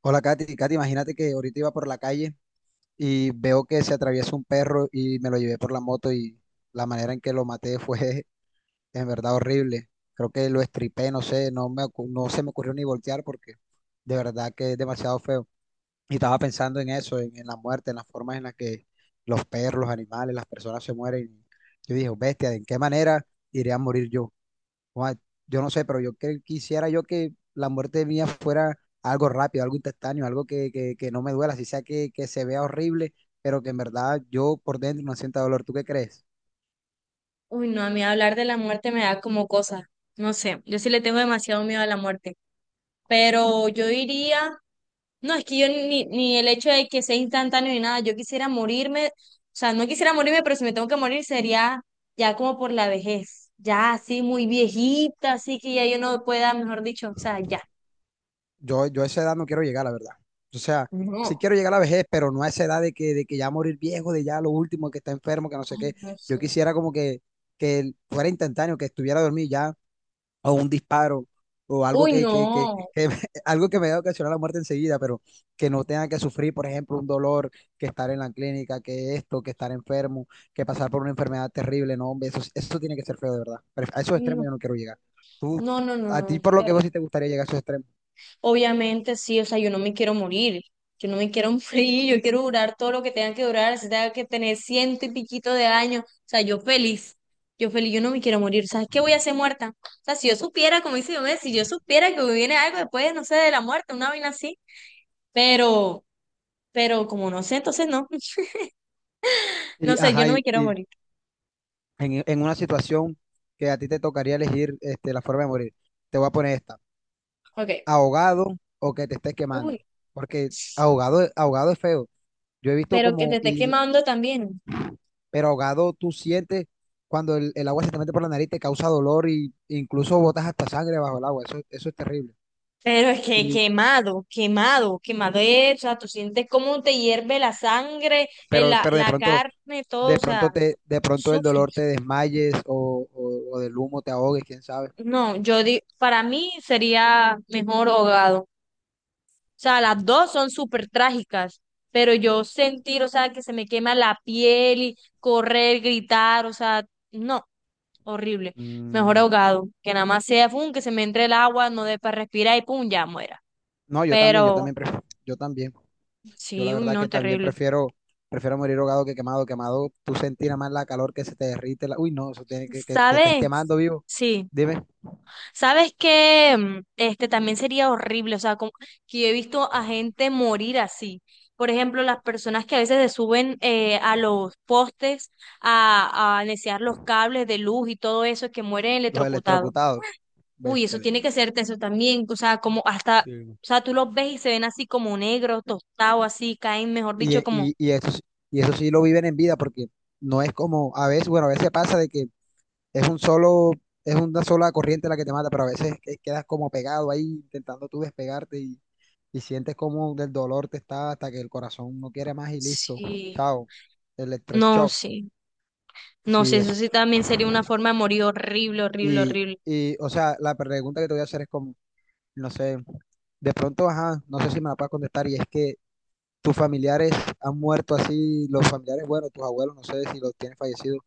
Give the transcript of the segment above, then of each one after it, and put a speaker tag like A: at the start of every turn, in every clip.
A: Hola, Katy. Katy, imagínate que ahorita iba por la calle y veo que se atraviesa un perro y me lo llevé por la moto, y la manera en que lo maté fue en verdad horrible. Creo que lo estripé, no sé, no me, no se me ocurrió ni voltear, porque de verdad que es demasiado feo. Y estaba pensando en eso, en la muerte, en las formas en las que los perros, los animales, las personas se mueren. Yo dije, bestia, ¿de en qué manera iré a morir yo? Juan, yo no sé, pero quisiera yo que la muerte mía fuera algo rápido, algo instantáneo, algo que no me duela, si sea que se vea horrible, pero que en verdad yo por dentro no sienta dolor. ¿Tú qué crees?
B: Uy, no, a mí hablar de la muerte me da como cosa. No sé, yo sí le tengo demasiado miedo a la muerte. Pero yo diría, no, es que yo ni el hecho de que sea instantáneo ni nada, yo quisiera morirme, o sea, no quisiera morirme, pero si me tengo que morir sería ya como por la vejez, ya así muy viejita, así que ya yo no pueda, mejor dicho, o sea, ya.
A: Yo a esa edad no quiero llegar, la verdad. O sea, sí
B: No,
A: quiero llegar a la vejez, pero no a esa edad de que ya morir viejo, de ya lo último, que está enfermo, que no sé
B: ay,
A: qué.
B: no
A: Yo
B: sé.
A: quisiera como que fuera instantáneo, que estuviera dormido ya, o un disparo, o algo
B: Uy, no,
A: algo que me haya ocasionado la muerte enseguida, pero que no tenga que sufrir, por ejemplo, un dolor, que estar en la clínica, que esto, que estar enfermo, que pasar por una enfermedad terrible. No, hombre, eso tiene que ser feo, de verdad. Pero a esos extremos
B: no,
A: yo no quiero llegar. Tú,
B: no, no, no,
A: a ti
B: no,
A: por
B: qué
A: lo que veo
B: horrible.
A: sí te gustaría llegar a esos extremos.
B: Obviamente sí, o sea, yo no me quiero morir, yo no me quiero morir, yo quiero durar todo lo que tenga que durar, si tenga que tener ciento y piquito de años, o sea, yo feliz, yo feliz, yo no me quiero morir. ¿Sabes qué voy a hacer muerta? O sea, si yo supiera, como dice yo, si yo supiera que viene algo después, no sé, de la muerte, una vaina así, pero, pero como no sé, entonces no, no
A: Y,
B: sé, yo
A: ajá,
B: no me
A: y,
B: quiero
A: y
B: morir.
A: en una situación que a ti te tocaría elegir este, la forma de morir, te voy a poner esta:
B: Ok,
A: ahogado, o que te estés quemando.
B: uy,
A: Porque ahogado, ahogado es feo. Yo he visto
B: pero que te
A: como,
B: esté
A: y
B: quemando también.
A: pero ahogado tú sientes cuando el agua se te mete por la nariz, te causa dolor y incluso botas hasta sangre bajo el agua. Eso es terrible.
B: Pero es que
A: Y,
B: quemado, quemado, quemado es, o sea, tú sientes cómo te hierve la sangre,
A: pero, pero
B: la carne, todo, o
A: de pronto
B: sea,
A: te, de pronto el dolor te
B: sufres.
A: desmayes, o del humo te ahogues, quién sabe.
B: No, yo digo, para mí sería mejor ahogado. O sea, las dos son súper trágicas, pero yo sentir, o sea, que se me quema la piel y correr, gritar, o sea, no, horrible. Mejor
A: Mm,
B: ahogado, que nada más sea, pum, que se me entre el agua, no dé para respirar y pum, ya muera.
A: no, yo
B: Pero
A: también prefiero, yo también. Yo la
B: sí, uy,
A: verdad que
B: no,
A: también
B: terrible.
A: prefiero, prefiero morir ahogado que quemado. Quemado, tú sentirás más la calor que se te derrite. La... Uy, no, eso tiene que te estés
B: ¿Sabes?
A: quemando vivo.
B: Sí.
A: Dime,
B: ¿Sabes que este también sería horrible? O sea, como que yo he visto a gente morir así. Por ejemplo, las personas que a veces se suben a los postes a necear los cables de luz y todo eso, que mueren
A: los
B: electrocutados.
A: electrocutados.
B: Uy, eso
A: Bestiales.
B: tiene que ser tenso también. O sea, como hasta, o sea, tú los ves y se ven así como negros, tostados, así, caen, mejor
A: Y,
B: dicho,
A: e-
B: como...
A: y, y eso, y eso sí lo viven en vida, porque no es como a veces. Bueno, a veces pasa de que es un solo, es una sola corriente la que te mata, pero a veces quedas como pegado ahí intentando tú despegarte, y sientes como del dolor te está hasta que el corazón no quiere más y listo.
B: Sí.
A: Chao.
B: No,
A: Electroshock.
B: sí. No
A: Sí,
B: sé,
A: eso.
B: eso sí también sería una forma de morir horrible, horrible,
A: Y,
B: horrible.
A: y, o sea, la pregunta que te voy a hacer es como, no sé, de pronto, ajá, no sé si me la puedes contestar. Y es que tus familiares han muerto así, los familiares, bueno, tus abuelos, no sé si los tienes fallecidos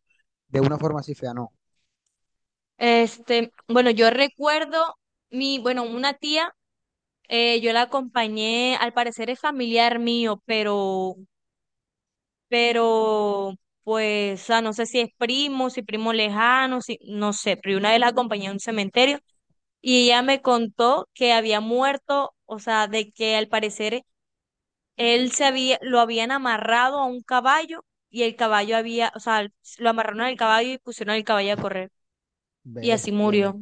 A: de una forma así fea, no.
B: Este, bueno, yo recuerdo mi, bueno, una tía, yo la acompañé, al parecer es familiar mío, pero, pues, o sea, no sé si es primo, si primo lejano, si, no sé, pero una vez la acompañé a un cementerio y ella me contó que había muerto, o sea, de que al parecer él se había, lo habían amarrado a un caballo y el caballo había, o sea, lo amarraron al caballo y pusieron al caballo a correr y así
A: Bestia, le...
B: murió,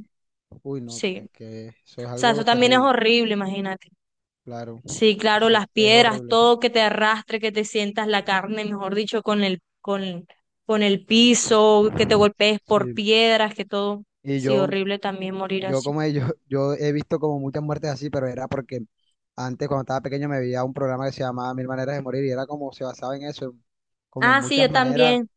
A: Uy, no,
B: sí.
A: que eso es
B: Sea,
A: algo
B: eso también es
A: terrible,
B: horrible, imagínate.
A: claro.
B: Sí, claro,
A: Eso
B: las
A: es
B: piedras,
A: horrible.
B: todo que te arrastre, que te sientas la carne, mejor dicho, con el piso, que te golpees por
A: Sí.
B: piedras, que todo.
A: Y
B: Sí,
A: yo,
B: horrible también morir
A: yo
B: así.
A: como yo he visto como muchas muertes así, pero era porque antes, cuando estaba pequeño, me veía un programa que se llamaba Mil Maneras de Morir, y era como se basaba en eso, como en
B: Ah, sí, yo también.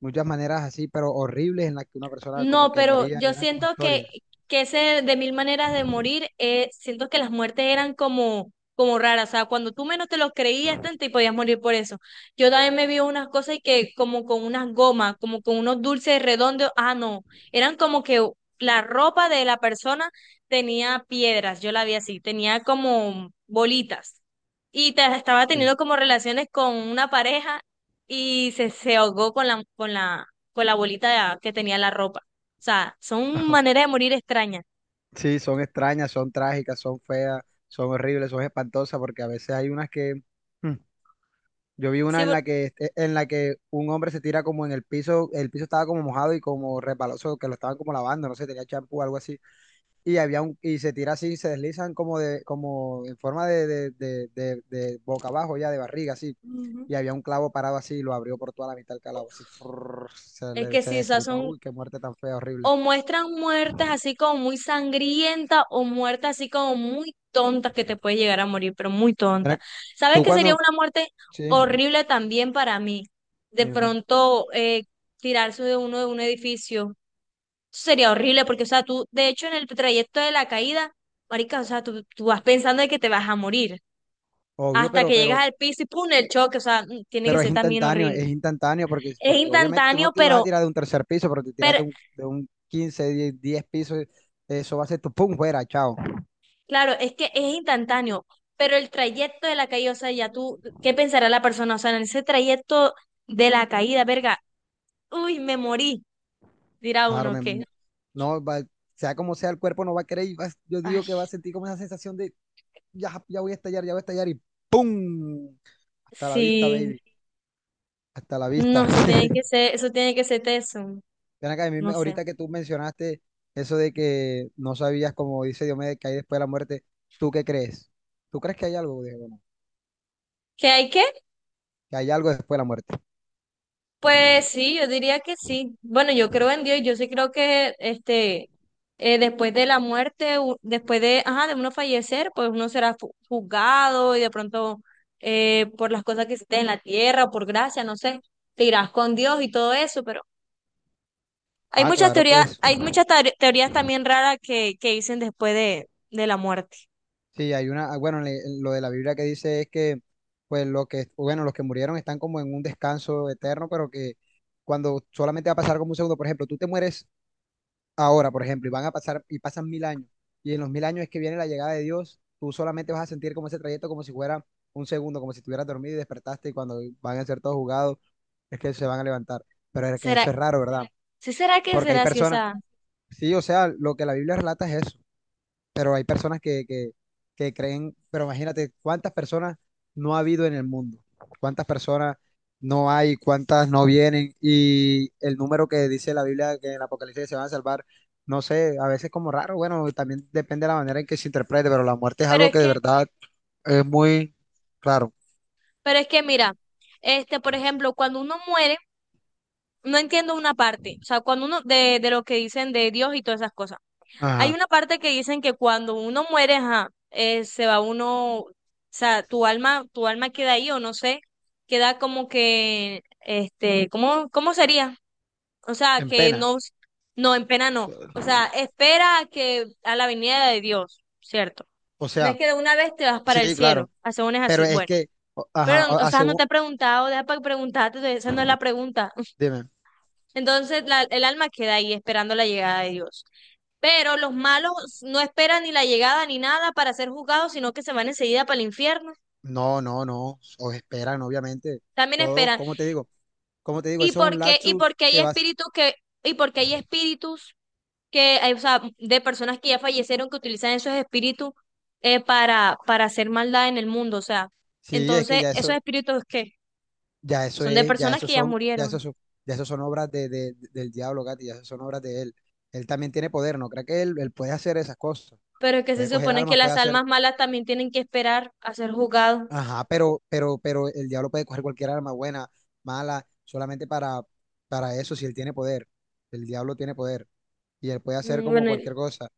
A: muchas maneras así, pero horribles, en las que una persona como
B: No,
A: que
B: pero
A: moría, y
B: yo
A: eran como
B: siento
A: historias.
B: que ese de mil maneras de morir, siento que las muertes eran como, como raras. O sea, cuando tú menos te lo creías, tanto y podías morir por eso. Yo también me vi unas cosas y que como con unas gomas, como con unos dulces redondos. Ah, no. Eran como que la ropa de la persona tenía piedras. Yo la vi así. Tenía como bolitas. Y estaba
A: Sí.
B: teniendo como relaciones con una pareja y se ahogó con con la bolita que tenía la ropa. O sea, son maneras de morir extrañas.
A: Sí, son extrañas, son trágicas, son feas, son horribles, son espantosas, porque a veces hay unas que yo vi una
B: Sí, por-
A: en la que un hombre se tira como en el piso estaba como mojado y como resbaloso, que lo estaban como lavando, no sé, tenía champú o algo así. Y había un, y se tira así, se deslizan como de, como en forma de boca abajo, ya de barriga, así.
B: Ujú.
A: Y había un clavo parado así y lo abrió por toda la mitad del calabo, así, frrrr, se
B: Es
A: le,
B: que
A: se
B: sí, o sea,
A: destripó.
B: son
A: Uy, qué muerte tan fea, horrible.
B: o muestran muertes así como muy sangrientas o muertes así como muy tontas que te puede llegar a morir, pero muy tonta.
A: Mira,
B: ¿Sabes
A: tú
B: que sería
A: cuando,
B: una muerte
A: sí,
B: horrible también para mí? De
A: dime.
B: pronto tirarse de uno de un edificio. Eso sería horrible porque, o sea, tú, de hecho, en el trayecto de la caída, marica, o sea, tú vas pensando de que te vas a morir
A: Obvio,
B: hasta que llegas
A: pero
B: al piso y ¡pum! El choque, o sea, mm, tiene que
A: Pero
B: ser también horrible.
A: es instantáneo porque,
B: Es
A: porque obviamente tú no
B: instantáneo,
A: te vas a tirar de un tercer piso, pero te tiras
B: pero
A: de un 15 10 10 pisos, eso va a ser tu pum, fuera, chao.
B: claro, es que es instantáneo, pero el trayecto de la caída, o sea, ya tú, ¿qué pensará la persona? O sea, en ese trayecto de la caída, verga, uy, me morí, dirá
A: Claro,
B: uno que,
A: no, sea como sea, el cuerpo no va a querer y yo digo que va a
B: ay,
A: sentir como esa sensación de ya, ya voy a estallar, ya voy a estallar y pum, hasta la vista,
B: sí,
A: baby, hasta la vista.
B: no, eso tiene que ser, eso tiene que ser teso,
A: Ven acá, a mí
B: no sé.
A: ahorita que tú mencionaste eso de que no sabías, como dice Diomedes, que hay después de la muerte, ¿tú qué crees? ¿Tú crees que hay algo, Diego?
B: Que hay que
A: ¿Que hay algo después de la muerte?
B: pues sí, yo diría que sí. Bueno, yo creo en Dios y yo sí creo que este después de la muerte, después de, ajá, de uno fallecer, pues uno será juzgado y de pronto por las cosas que hiciste en la tierra o por gracia, no sé, te irás con Dios y todo eso, pero hay
A: Ah,
B: muchas
A: claro,
B: teorías,
A: pues
B: hay muchas teorías también raras que dicen después de la muerte.
A: sí, hay una, ah, bueno, lo de la Biblia que dice es que pues los que, bueno, los que murieron están como en un descanso eterno, pero que cuando solamente va a pasar como un segundo. Por ejemplo, tú te mueres ahora, por ejemplo, y van a pasar, y pasan 1000 años, y en los 1000 años es que viene la llegada de Dios, tú solamente vas a sentir como ese trayecto como si fuera un segundo, como si estuvieras dormido y despertaste, y cuando van a ser todos jugados, es que se van a levantar. Pero es que
B: ¿Será,
A: eso es raro, ¿verdad?
B: sí será que
A: Porque hay
B: será así? O
A: personas,
B: sea,
A: sí, o sea, lo que la Biblia relata es eso. Pero hay personas que creen, pero imagínate cuántas personas no ha habido en el mundo, cuántas personas no hay, cuántas no vienen, y el número que dice la Biblia que en el Apocalipsis se van a salvar, no sé, a veces como raro. Bueno, también depende de la manera en que se interprete, pero la muerte es
B: pero
A: algo
B: es
A: que de
B: que,
A: verdad es muy raro,
B: pero es que mira, este, por ejemplo, cuando uno muere no entiendo una parte, o sea, cuando uno, de lo que dicen de Dios y todas esas cosas. Hay
A: ajá,
B: una parte que dicen que cuando uno muere, ajá, se va uno, o sea, tu alma queda ahí o no sé, queda como que, este, ¿cómo sería? O sea,
A: en
B: que
A: pena,
B: no, no, en pena no. O sea, espera a que, a la venida de Dios, ¿cierto?
A: o
B: No es
A: sea,
B: que de una vez te vas para el
A: sí,
B: cielo,
A: claro,
B: según es
A: pero
B: así,
A: es
B: bueno.
A: que, ajá,
B: Pero, o
A: a
B: sea, no
A: según,
B: te he preguntado, deja para preguntarte, esa no es la pregunta.
A: dime.
B: Entonces el alma queda ahí esperando la llegada de Dios. Pero los malos no esperan ni la llegada ni nada para ser juzgados, sino que se van enseguida para el infierno.
A: No, no, no, os esperan, obviamente.
B: También
A: Todos,
B: esperan.
A: como te digo? Como te digo?
B: ¿Y
A: Eso es
B: por
A: un
B: qué? ¿Y
A: lapsus
B: porque hay
A: que vas.
B: espíritus que, y porque hay espíritus que, hay, o sea, de personas que ya fallecieron que utilizan esos espíritus para hacer maldad en el mundo? O sea,
A: Sí, es que
B: entonces, ¿esos espíritus qué?
A: ya eso
B: Son de
A: es, ya
B: personas
A: eso
B: que ya
A: son, ya eso
B: murieron.
A: son, ya eso son obras de, del diablo, Katy, ya eso son obras de él. Él también tiene poder, ¿no? Creo que él puede hacer esas cosas.
B: Pero es que se
A: Puede coger
B: supone que
A: armas, puede
B: las
A: hacer.
B: almas malas también tienen que esperar a ser juzgados.
A: Ajá, pero el diablo puede coger cualquier arma, buena, mala, solamente para eso, si él tiene poder. El diablo tiene poder. Y él puede hacer
B: Mm,
A: como
B: bueno,
A: cualquier cosa.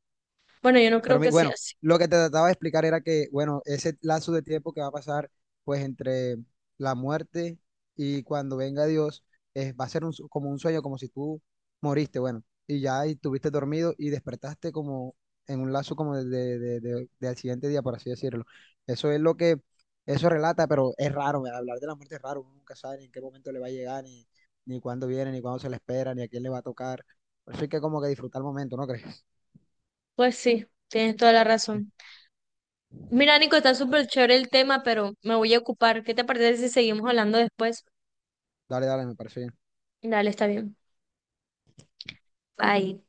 B: Bueno, yo no creo
A: Pero
B: que sea
A: bueno,
B: así.
A: lo que te trataba de explicar era que, bueno, ese lazo de tiempo que va a pasar, pues entre la muerte y cuando venga Dios, va a ser un como un sueño, como si tú moriste, bueno, y ya y estuviste dormido y despertaste como en un lazo como de al siguiente día, por así decirlo. Eso es lo que, eso relata. Pero es raro, hablar de la muerte es raro, uno nunca sabe ni en qué momento le va a llegar, ni, ni cuándo viene, ni cuándo se le espera, ni a quién le va a tocar. Por eso hay que como que disfrutar el momento, ¿no crees?
B: Pues sí, tienes toda la razón. Mira, Nico, está súper chévere el tema, pero me voy a ocupar. ¿Qué te parece si seguimos hablando después?
A: Dale, dale, me parece bien.
B: Dale, está bien. Bye.